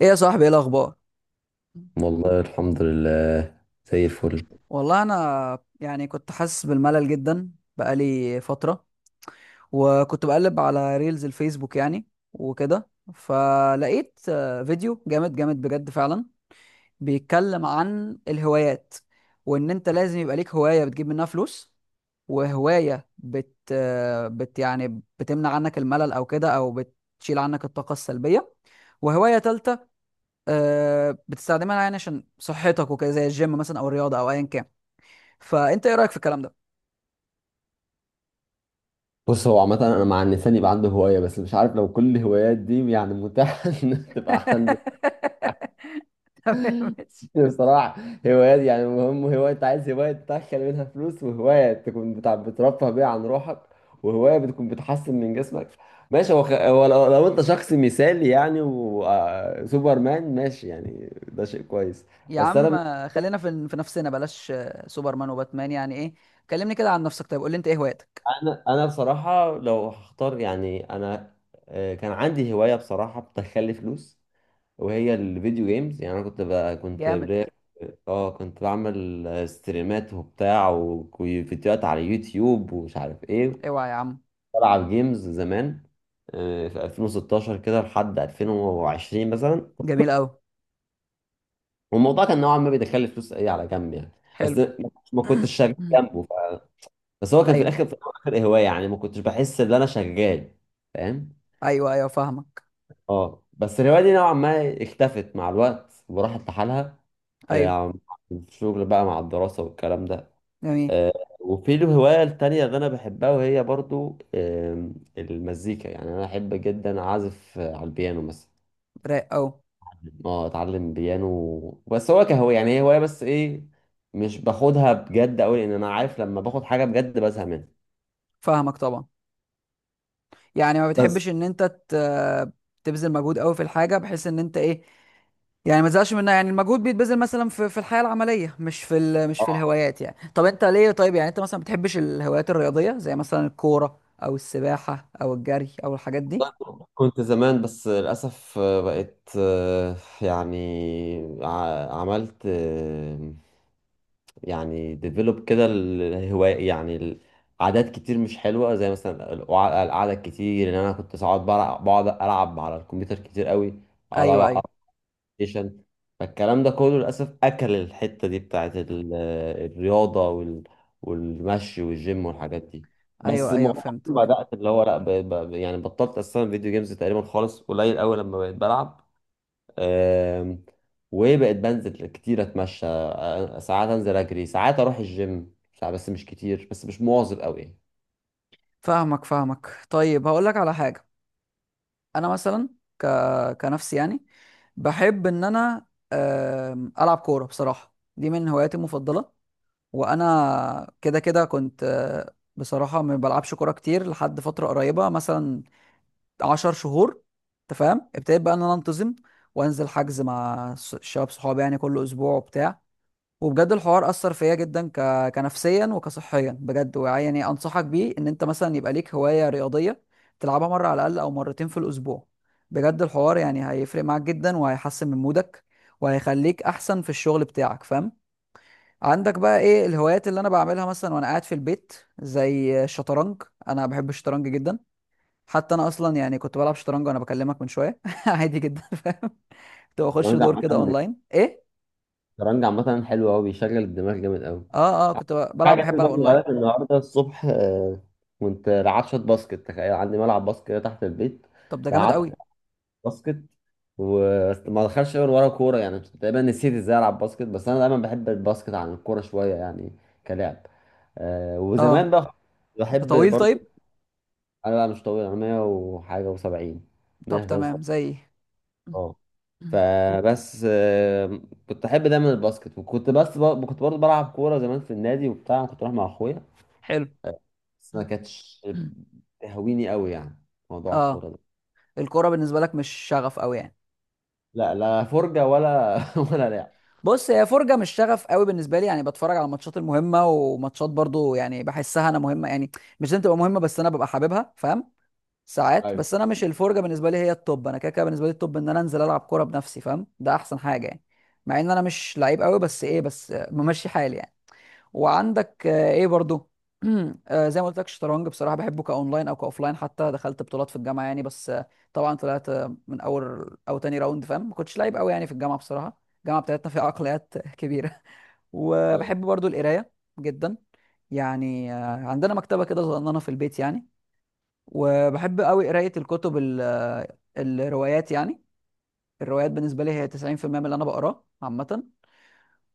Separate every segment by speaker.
Speaker 1: ايه يا صاحبي، ايه الاخبار؟
Speaker 2: والله الحمد لله، زي الفل.
Speaker 1: والله انا يعني كنت حاسس بالملل جدا، بقالي فتره. وكنت بقلب على ريلز الفيسبوك يعني وكده، فلقيت فيديو جامد جامد بجد فعلا، بيتكلم عن الهوايات، وان انت لازم يبقى ليك هوايه بتجيب منها فلوس، وهوايه بت يعني بتمنع عنك الملل او كده، او بتشيل عنك الطاقه السلبيه، وهوايه تالته بتستخدمها يعني عشان صحتك وكده، زي الجيم مثلا او الرياضه او ايا كان. فانت ايه رايك في الكلام ده؟
Speaker 2: بص، هو عامة أنا مع إن الإنسان يبقى عنده هواية، بس مش عارف لو كل الهوايات دي يعني متاحة إن تبقى عنده.
Speaker 1: تمام ماشي.
Speaker 2: بصراحة هوايات، يعني المهم هواية أنت عايز هواية تدخل منها فلوس، وهواية تكون بتاع بترفه بيها عن روحك، وهواية بتكون بتحسن من جسمك. ماشي. هو لو أنت شخص مثالي يعني، وسوبر مان، ماشي يعني ده شيء كويس.
Speaker 1: يا
Speaker 2: بس
Speaker 1: عم
Speaker 2: أنا
Speaker 1: خلينا في نفسنا، بلاش سوبرمان وباتمان يعني ايه. كلمني كده عن نفسك، طيب قول لي انت ايه هواياتك؟
Speaker 2: انا انا بصراحه لو هختار يعني، انا كان عندي هوايه بصراحه بتخلي فلوس، وهي الفيديو جيمز. يعني انا كنت بقى كنت
Speaker 1: جامد.
Speaker 2: بلاقي- اه كنت بعمل ستريمات وبتاع وفيديوهات على يوتيوب ومش عارف ايه.
Speaker 1: اوعى يا عم.
Speaker 2: بلعب جيمز زمان في 2016 كده لحد 2020 مثلا.
Speaker 1: جميل قوي.
Speaker 2: والموضوع كان نوعا ما بيدخل فلوس ايه على جنب يعني، بس
Speaker 1: حلو.
Speaker 2: ما كنتش شغال جنبه بس هو كان في
Speaker 1: ايوه،
Speaker 2: الاخر في الاخر هوايه، يعني ما كنتش بحس ان انا شغال، فاهم.
Speaker 1: ايوه. ايوه فاهمك.
Speaker 2: اه بس الهواية دي نوعا ما اختفت مع الوقت وراحت لحالها. آه،
Speaker 1: ايوه.
Speaker 2: عم- الشغل بقى مع الدراسة والكلام ده.
Speaker 1: جميل.
Speaker 2: آه، وفي الهواية التانية اللي أنا بحبها، وهي برضو المزيكا. يعني أنا أحب جدا أعزف على البيانو مثلا،
Speaker 1: رايق قوي.
Speaker 2: اه أتعلم بيانو، بس هو كهواية، يعني هي هواية بس إيه، مش باخدها بجد أوي لأن أنا عارف لما باخد حاجة بجد بزهق منها.
Speaker 1: فاهمك طبعا. يعني ما
Speaker 2: بس
Speaker 1: بتحبش ان انت ت- تبذل مجهود قوي في الحاجه بحيث ان انت ايه، يعني ما تزهقش منها. يعني المجهود بيتبذل مثلا في الحياه العمليه، مش في الهوايات يعني. طب انت ليه طيب؟ يعني انت مثلا ما بتحبش الهوايات الرياضيه زي مثلا الكوره او السباحه او الجري او الحاجات دي؟
Speaker 2: كنت زمان، بس للأسف آه، بقيت آه، يعني ع- عملت آه، يعني ديفلوب كده الهواية، يعني عادات كتير مش حلوة، زي مثلا القعدة الكتير، إن أنا كنت ساعات بقعد ألعب على الكمبيوتر كتير قوي، أقعد
Speaker 1: ايوه، ايوه.
Speaker 2: ألعب ستيشن. فالكلام ده كله للأسف أكل الحتة دي بتاعت الرياضة والمشي والجيم والحاجات دي. بس
Speaker 1: ايوه، ايوه
Speaker 2: مؤخرا
Speaker 1: فهمتك.
Speaker 2: بدأت اللي هو لا يعني بطلت أصلا فيديو جيمز تقريبا خالص، قليل أوي لما بقيت بلعب. أم... وبقيت بنزل كتير أتمشى، ساعات أنزل أجري، ساعات أروح الجيم، ساعات، بس مش كتير، بس مش مواظب أوي يعني.
Speaker 1: فاهمك فاهمك. طيب هقول لك على حاجه. انا مثلا ك... كنفسي يعني بحب ان انا العب كوره. بصراحه دي من هواياتي المفضله. وانا كده كده كنت بصراحه ما بلعبش كوره كتير، لحد فتره قريبه مثلا 10 شهور. انت فاهم؟ ابتديت بقى ان انا انتظم وانزل حجز مع الشباب صحابي يعني كل اسبوع وبتاع. وبجد الحوار اثر فيا جدا، كنفسيا وكصحيا، بجد. ويعني انصحك بيه، ان انت مثلا يبقى ليك هوايه رياضيه تلعبها مره على الاقل او مرتين في الاسبوع. بجد الحوار يعني هيفرق معاك جدا، وهيحسن من مودك، وهيخليك احسن في الشغل بتاعك، فاهم؟ عندك بقى ايه الهوايات اللي انا بعملها مثلا وانا قاعد في البيت؟ زي الشطرنج، انا بحب الشطرنج جدا. حتى انا اصلا يعني كنت بلعب شطرنج وانا بكلمك من شويه عادي جدا، فاهم؟ كنت بخش
Speaker 2: الشطرنج
Speaker 1: دور كده
Speaker 2: عامة،
Speaker 1: اونلاين ايه.
Speaker 2: الشطرنج عامة حلو أوي، بيشغل الدماغ جامد أوي.
Speaker 1: اه اه، كنت بلعب،
Speaker 2: حاجة في
Speaker 1: بحب العب
Speaker 2: برضه
Speaker 1: اونلاين.
Speaker 2: غلط النهاردة الصبح، كنت لعبت شوط باسكت. تخيل عندي ملعب باسكت كده تحت البيت.
Speaker 1: طب ده جامد
Speaker 2: لعبت
Speaker 1: قوي.
Speaker 2: شوط باسكت وما دخلش غير ورا كورة، يعني تقريبا نسيت ازاي العب باسكت، بس انا دايما بحب الباسكت عن الكورة شوية يعني، كلاعب. وزمان
Speaker 1: اه.
Speaker 2: بقى
Speaker 1: انت
Speaker 2: بحب
Speaker 1: طويل
Speaker 2: برضه.
Speaker 1: طيب؟
Speaker 2: انا بقى مش طويل، انا 100 وحاجة و70،
Speaker 1: طب تمام
Speaker 2: 173.
Speaker 1: زي.
Speaker 2: اه فبس كنت احب دايما الباسكت، وكنت بس كنت برضه بلعب كورة زمان في النادي وبتاع، كنت بروح مع اخويا،
Speaker 1: حلو.
Speaker 2: بس ما كانتش تهويني قوي يعني، موضوع
Speaker 1: اه.
Speaker 2: الكورة ده،
Speaker 1: الكوره بالنسبه لك مش شغف قوي يعني؟
Speaker 2: لا لا فرجة ولا ولا لعب.
Speaker 1: بص هي فرجه، مش شغف قوي بالنسبه لي. يعني بتفرج على الماتشات المهمه، وماتشات برضو يعني بحسها انا مهمه يعني، مش لازم تبقى مهمه بس انا ببقى حاببها، فاهم؟ ساعات.
Speaker 2: طيب
Speaker 1: بس انا مش الفرجه بالنسبه لي هي التوب، انا كده كده بالنسبه لي التوب ان انا انزل العب كوره بنفسي، فاهم؟ ده احسن حاجه يعني. مع ان انا مش لعيب قوي بس ايه، بس ممشي حالي يعني. وعندك ايه برضو؟ زي ما قلت لك الشطرنج بصراحه بحبه كاونلاين او كاوفلاين. حتى دخلت بطولات في الجامعه يعني، بس طبعا طلعت من اول او تاني راوند، فاهم؟ ما كنتش لعيب قوي يعني في الجامعه، بصراحه الجامعه بتاعتنا فيها عقليات كبيره.
Speaker 2: طيب.
Speaker 1: وبحب برضو القرايه جدا. يعني عندنا مكتبه كده صغننه في البيت يعني. وبحب قوي قرايه الكتب الروايات يعني. الروايات بالنسبه لي هي 90% من اللي انا بقراه عامه.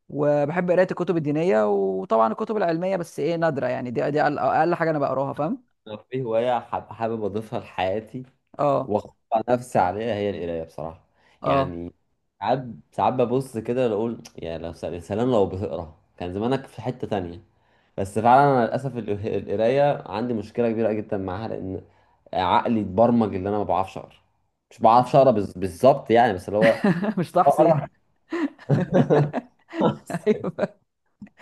Speaker 1: وبحب قرايه الكتب الدينيه، وطبعا الكتب العلميه بس ايه نادره يعني، دي اقل أقل حاجه انا بقراها، فاهم؟
Speaker 2: لو في هواية حابب أضيفها لحياتي
Speaker 1: اه
Speaker 2: وأخطأ نفسي عليها، هي القراية بصراحة.
Speaker 1: اه.
Speaker 2: يعني ساعات، ساعات ببص كده أقول يا سلام لو بتقرا كان زمانك في حتة تانية. بس فعلا أنا للأسف القراية عندي مشكلة كبيرة جدا معاها، لأن عقلي اتبرمج إن أنا ما بعرفش أقرا، مش بعرفش أقرا بالظبط يعني، بس اللي هو
Speaker 1: مش تحصي.
Speaker 2: أقرا،
Speaker 1: ايوه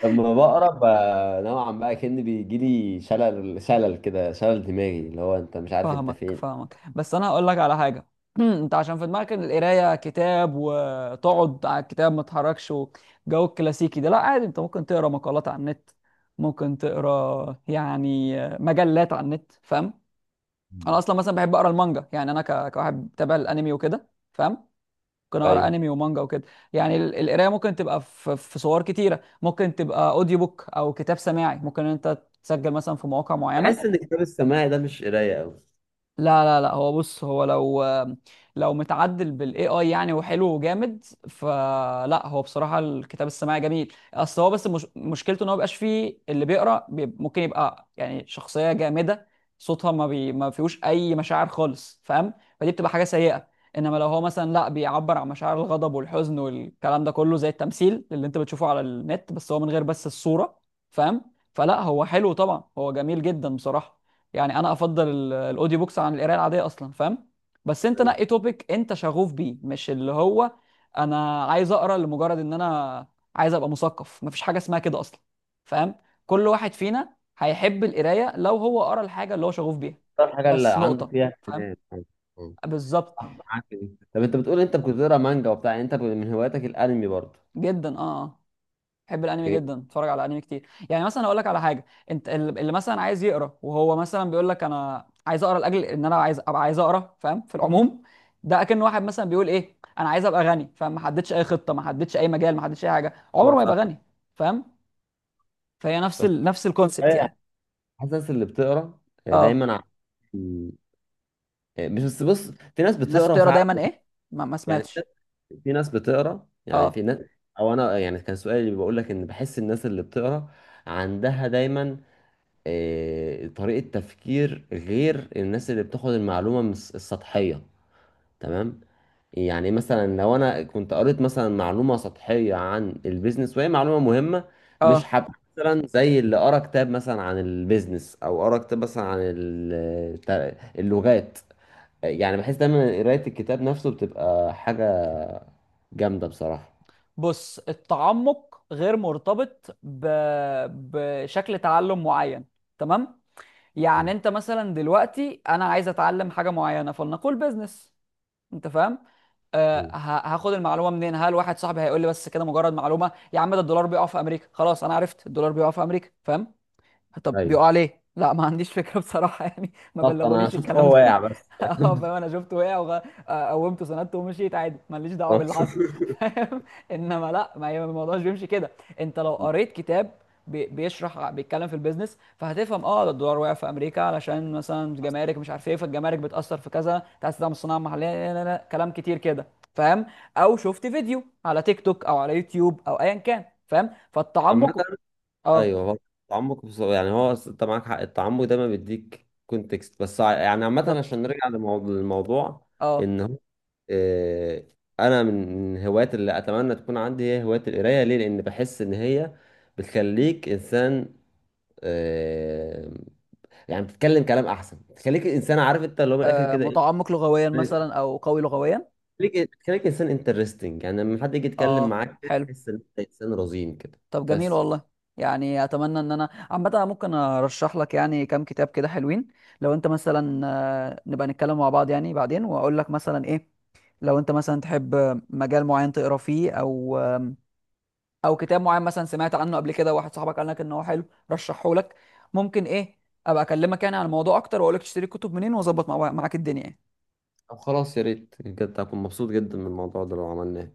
Speaker 2: لما بقرا نوعا ما كأن بيجي لي شلل، شلل كده، شلل دماغي، اللي هو انت مش عارف انت
Speaker 1: فاهمك
Speaker 2: فين.
Speaker 1: فاهمك. بس انا هقول لك على حاجه. انت عشان في دماغك إن القرايه كتاب وتقعد على الكتاب ما تتحركش، وجو الكلاسيكي ده، لا عادي، انت ممكن تقرا مقالات على النت، ممكن تقرا يعني مجلات على النت، فاهم؟ انا
Speaker 2: مم.
Speaker 1: اصلا مثلا بحب اقرا المانجا يعني. انا كواحد بتابع الانمي وكده، فاهم؟ ممكن اقرا
Speaker 2: ايوه،
Speaker 1: انمي ومانجا وكده. يعني القرايه ممكن تبقى في صور كتيره. ممكن تبقى اوديو بوك او كتاب سماعي، ممكن إن انت تسجل مثلا في مواقع
Speaker 2: بحس
Speaker 1: معينه.
Speaker 2: ان الكتاب السماعي ده مش قرايه قوي.
Speaker 1: لا لا لا، هو بص، هو لو متعدل بالاي اي يعني وحلو وجامد، فلا هو بصراحه الكتاب السماعي جميل. اصل هو بس مش مشكلته ان هو مبيبقاش فيه اللي بيقرا بي ممكن يبقى يعني شخصيه جامده صوتها ما بي ما فيهوش اي مشاعر خالص، فاهم؟ فدي بتبقى حاجه سيئه. انما لو هو مثلا لا، بيعبر عن مشاعر الغضب والحزن والكلام ده كله زي التمثيل اللي انت بتشوفه على النت، بس هو من غير بس الصوره، فاهم؟ فلا هو حلو طبعا، هو جميل جدا بصراحه. يعني انا افضل الاوديو بوكس عن القرايه العاديه اصلا، فاهم؟ بس انت
Speaker 2: أيوة.
Speaker 1: نقي توبيك انت شغوف بيه، مش اللي هو انا عايز اقرا لمجرد ان انا عايز ابقى مثقف. مفيش حاجه اسمها كده اصلا، فاهم؟ كل واحد فينا هيحب القرايه لو هو قرا الحاجه اللي هو شغوف بيها.
Speaker 2: الحاجه اللي
Speaker 1: بس
Speaker 2: عنده
Speaker 1: نقطه،
Speaker 2: فيها
Speaker 1: فاهم؟
Speaker 2: اهتمام، أيوة. مم.
Speaker 1: بالظبط.
Speaker 2: صح، معاك في دي. طب انت بتقول انت كنت بتقرا مانجا وبتاع، يعني انت من هواياتك الانمي برضه،
Speaker 1: جدا اه آه. بحب الانمي
Speaker 2: اوكي.
Speaker 1: جدا، اتفرج على انمي كتير يعني. مثلا اقول لك على حاجه. انت اللي مثلا عايز يقرا وهو مثلا بيقول لك انا عايز اقرا لاجل ان انا عايز ابقى عايز اقرا، فاهم؟ في العموم ده اكن واحد مثلا بيقول ايه، انا عايز ابقى غني، فاهم؟ ما حددش اي خطه، ما حددش اي مجال، ما حددش اي حاجه، عمره
Speaker 2: أيوة
Speaker 1: ما
Speaker 2: صح.
Speaker 1: يبقى غني، فاهم؟ فهي نفس
Speaker 2: بس
Speaker 1: نفس الكونسبت
Speaker 2: أنا
Speaker 1: يعني.
Speaker 2: حاسس اللي بتقرا آه،
Speaker 1: اه
Speaker 2: دايما ع- مش بس، بص، في ناس
Speaker 1: الناس
Speaker 2: بتقرا
Speaker 1: بتقرا
Speaker 2: فعلا.
Speaker 1: دايما ايه، ما
Speaker 2: يعني
Speaker 1: سمعتش.
Speaker 2: في ناس بتقرا يعني في
Speaker 1: اه
Speaker 2: ناس او انا يعني كان سؤالي، اللي بقول لك ان بحس الناس اللي بتقرا عندها دايما طريقة تفكير غير الناس اللي بتاخد المعلومة من السطحية، تمام. يعني مثلا لو انا كنت قريت مثلا معلومة سطحية عن البيزنس، وهي معلومة مهمة، مش
Speaker 1: اه.
Speaker 2: هبقى مثلا زي اللي قرا كتاب مثلا عن البيزنس، او قرا كتاب مثلا عن اللغات. يعني بحس دايما قراية الكتاب نفسه بتبقى حاجة جامدة بصراحة.
Speaker 1: بص التعمق غير مرتبط ب بشكل تعلم معين، تمام؟ يعني انت مثلا دلوقتي انا عايز اتعلم حاجه معينه، فلنقول بيزنس، انت فاهم؟ أه
Speaker 2: مم.
Speaker 1: هاخد المعلومه منين؟ هل واحد صاحبي هيقول لي بس كده مجرد معلومه، يا عم ده الدولار بيقع في امريكا، خلاص انا عرفت الدولار بيقع في امريكا، فاهم؟ طب
Speaker 2: ايوه
Speaker 1: بيقع عليه؟ لا ما عنديش فكره بصراحه يعني ما
Speaker 2: بالظبط، انا
Speaker 1: بلغونيش
Speaker 2: شفت
Speaker 1: الكلام
Speaker 2: هو
Speaker 1: ده
Speaker 2: واقع بس.
Speaker 1: اه، فاهم؟ انا شفته وقع قومته سندته ومشيت عادي، ماليش دعوه باللي حصل فاهم؟ انما لا، ما هي الموضوع مش بيمشي كده. انت لو قريت كتاب بيشرح، بيتكلم في البيزنس، فهتفهم اه ده الدولار وقع في امريكا علشان مثلا جمارك مش عارف ايه، فالجمارك بتاثر في كذا، تاسيس الصناعه المحليه، لا لا لا كلام كتير كده، فاهم؟ او شفت فيديو على تيك توك او على يوتيوب او ايا كان، فاهم؟
Speaker 2: عامة
Speaker 1: فالتعمق اه،
Speaker 2: ايوه، هو التعمق انت معاك حق، التعمق دايما بيديك كونتكست، بس يعني عامة
Speaker 1: بالظبط.
Speaker 2: عشان نرجع للموضوع،
Speaker 1: اه
Speaker 2: ان هو آه، انا من الهوايات اللي اتمنى تكون عندي هي هواية القراية. ليه؟ لان بحس ان هي بتخليك انسان، آه، يعني بتتكلم كلام احسن، بتخليك انسان عارف، انت اللي هو من الاخر كده، ايه،
Speaker 1: متعمق لغويا مثلا او قوي لغويا.
Speaker 2: خليك انسان انترستنج، يعني لما حد يجي يتكلم
Speaker 1: اه
Speaker 2: معاك كده
Speaker 1: حلو.
Speaker 2: تحس ان انت انسان رزين كده.
Speaker 1: طب جميل
Speaker 2: بس.
Speaker 1: والله. يعني اتمنى ان انا عامه أنا ممكن ارشح لك يعني كام كتاب كده حلوين. لو انت مثلا نبقى نتكلم مع بعض يعني بعدين، واقول لك مثلا ايه. لو انت مثلا تحب مجال معين تقرا فيه، او او كتاب معين مثلا سمعت عنه قبل كده واحد صاحبك قال لك ان هو حلو رشحه لك، ممكن ايه ابقى اكلمك يعني عن الموضوع اكتر، واقول لك تشتري الكتب منين واظبط معاك الدنيا يعني.
Speaker 2: طب خلاص، يا ريت بجد، هكون مبسوط جدا من الموضوع ده لو عملناه.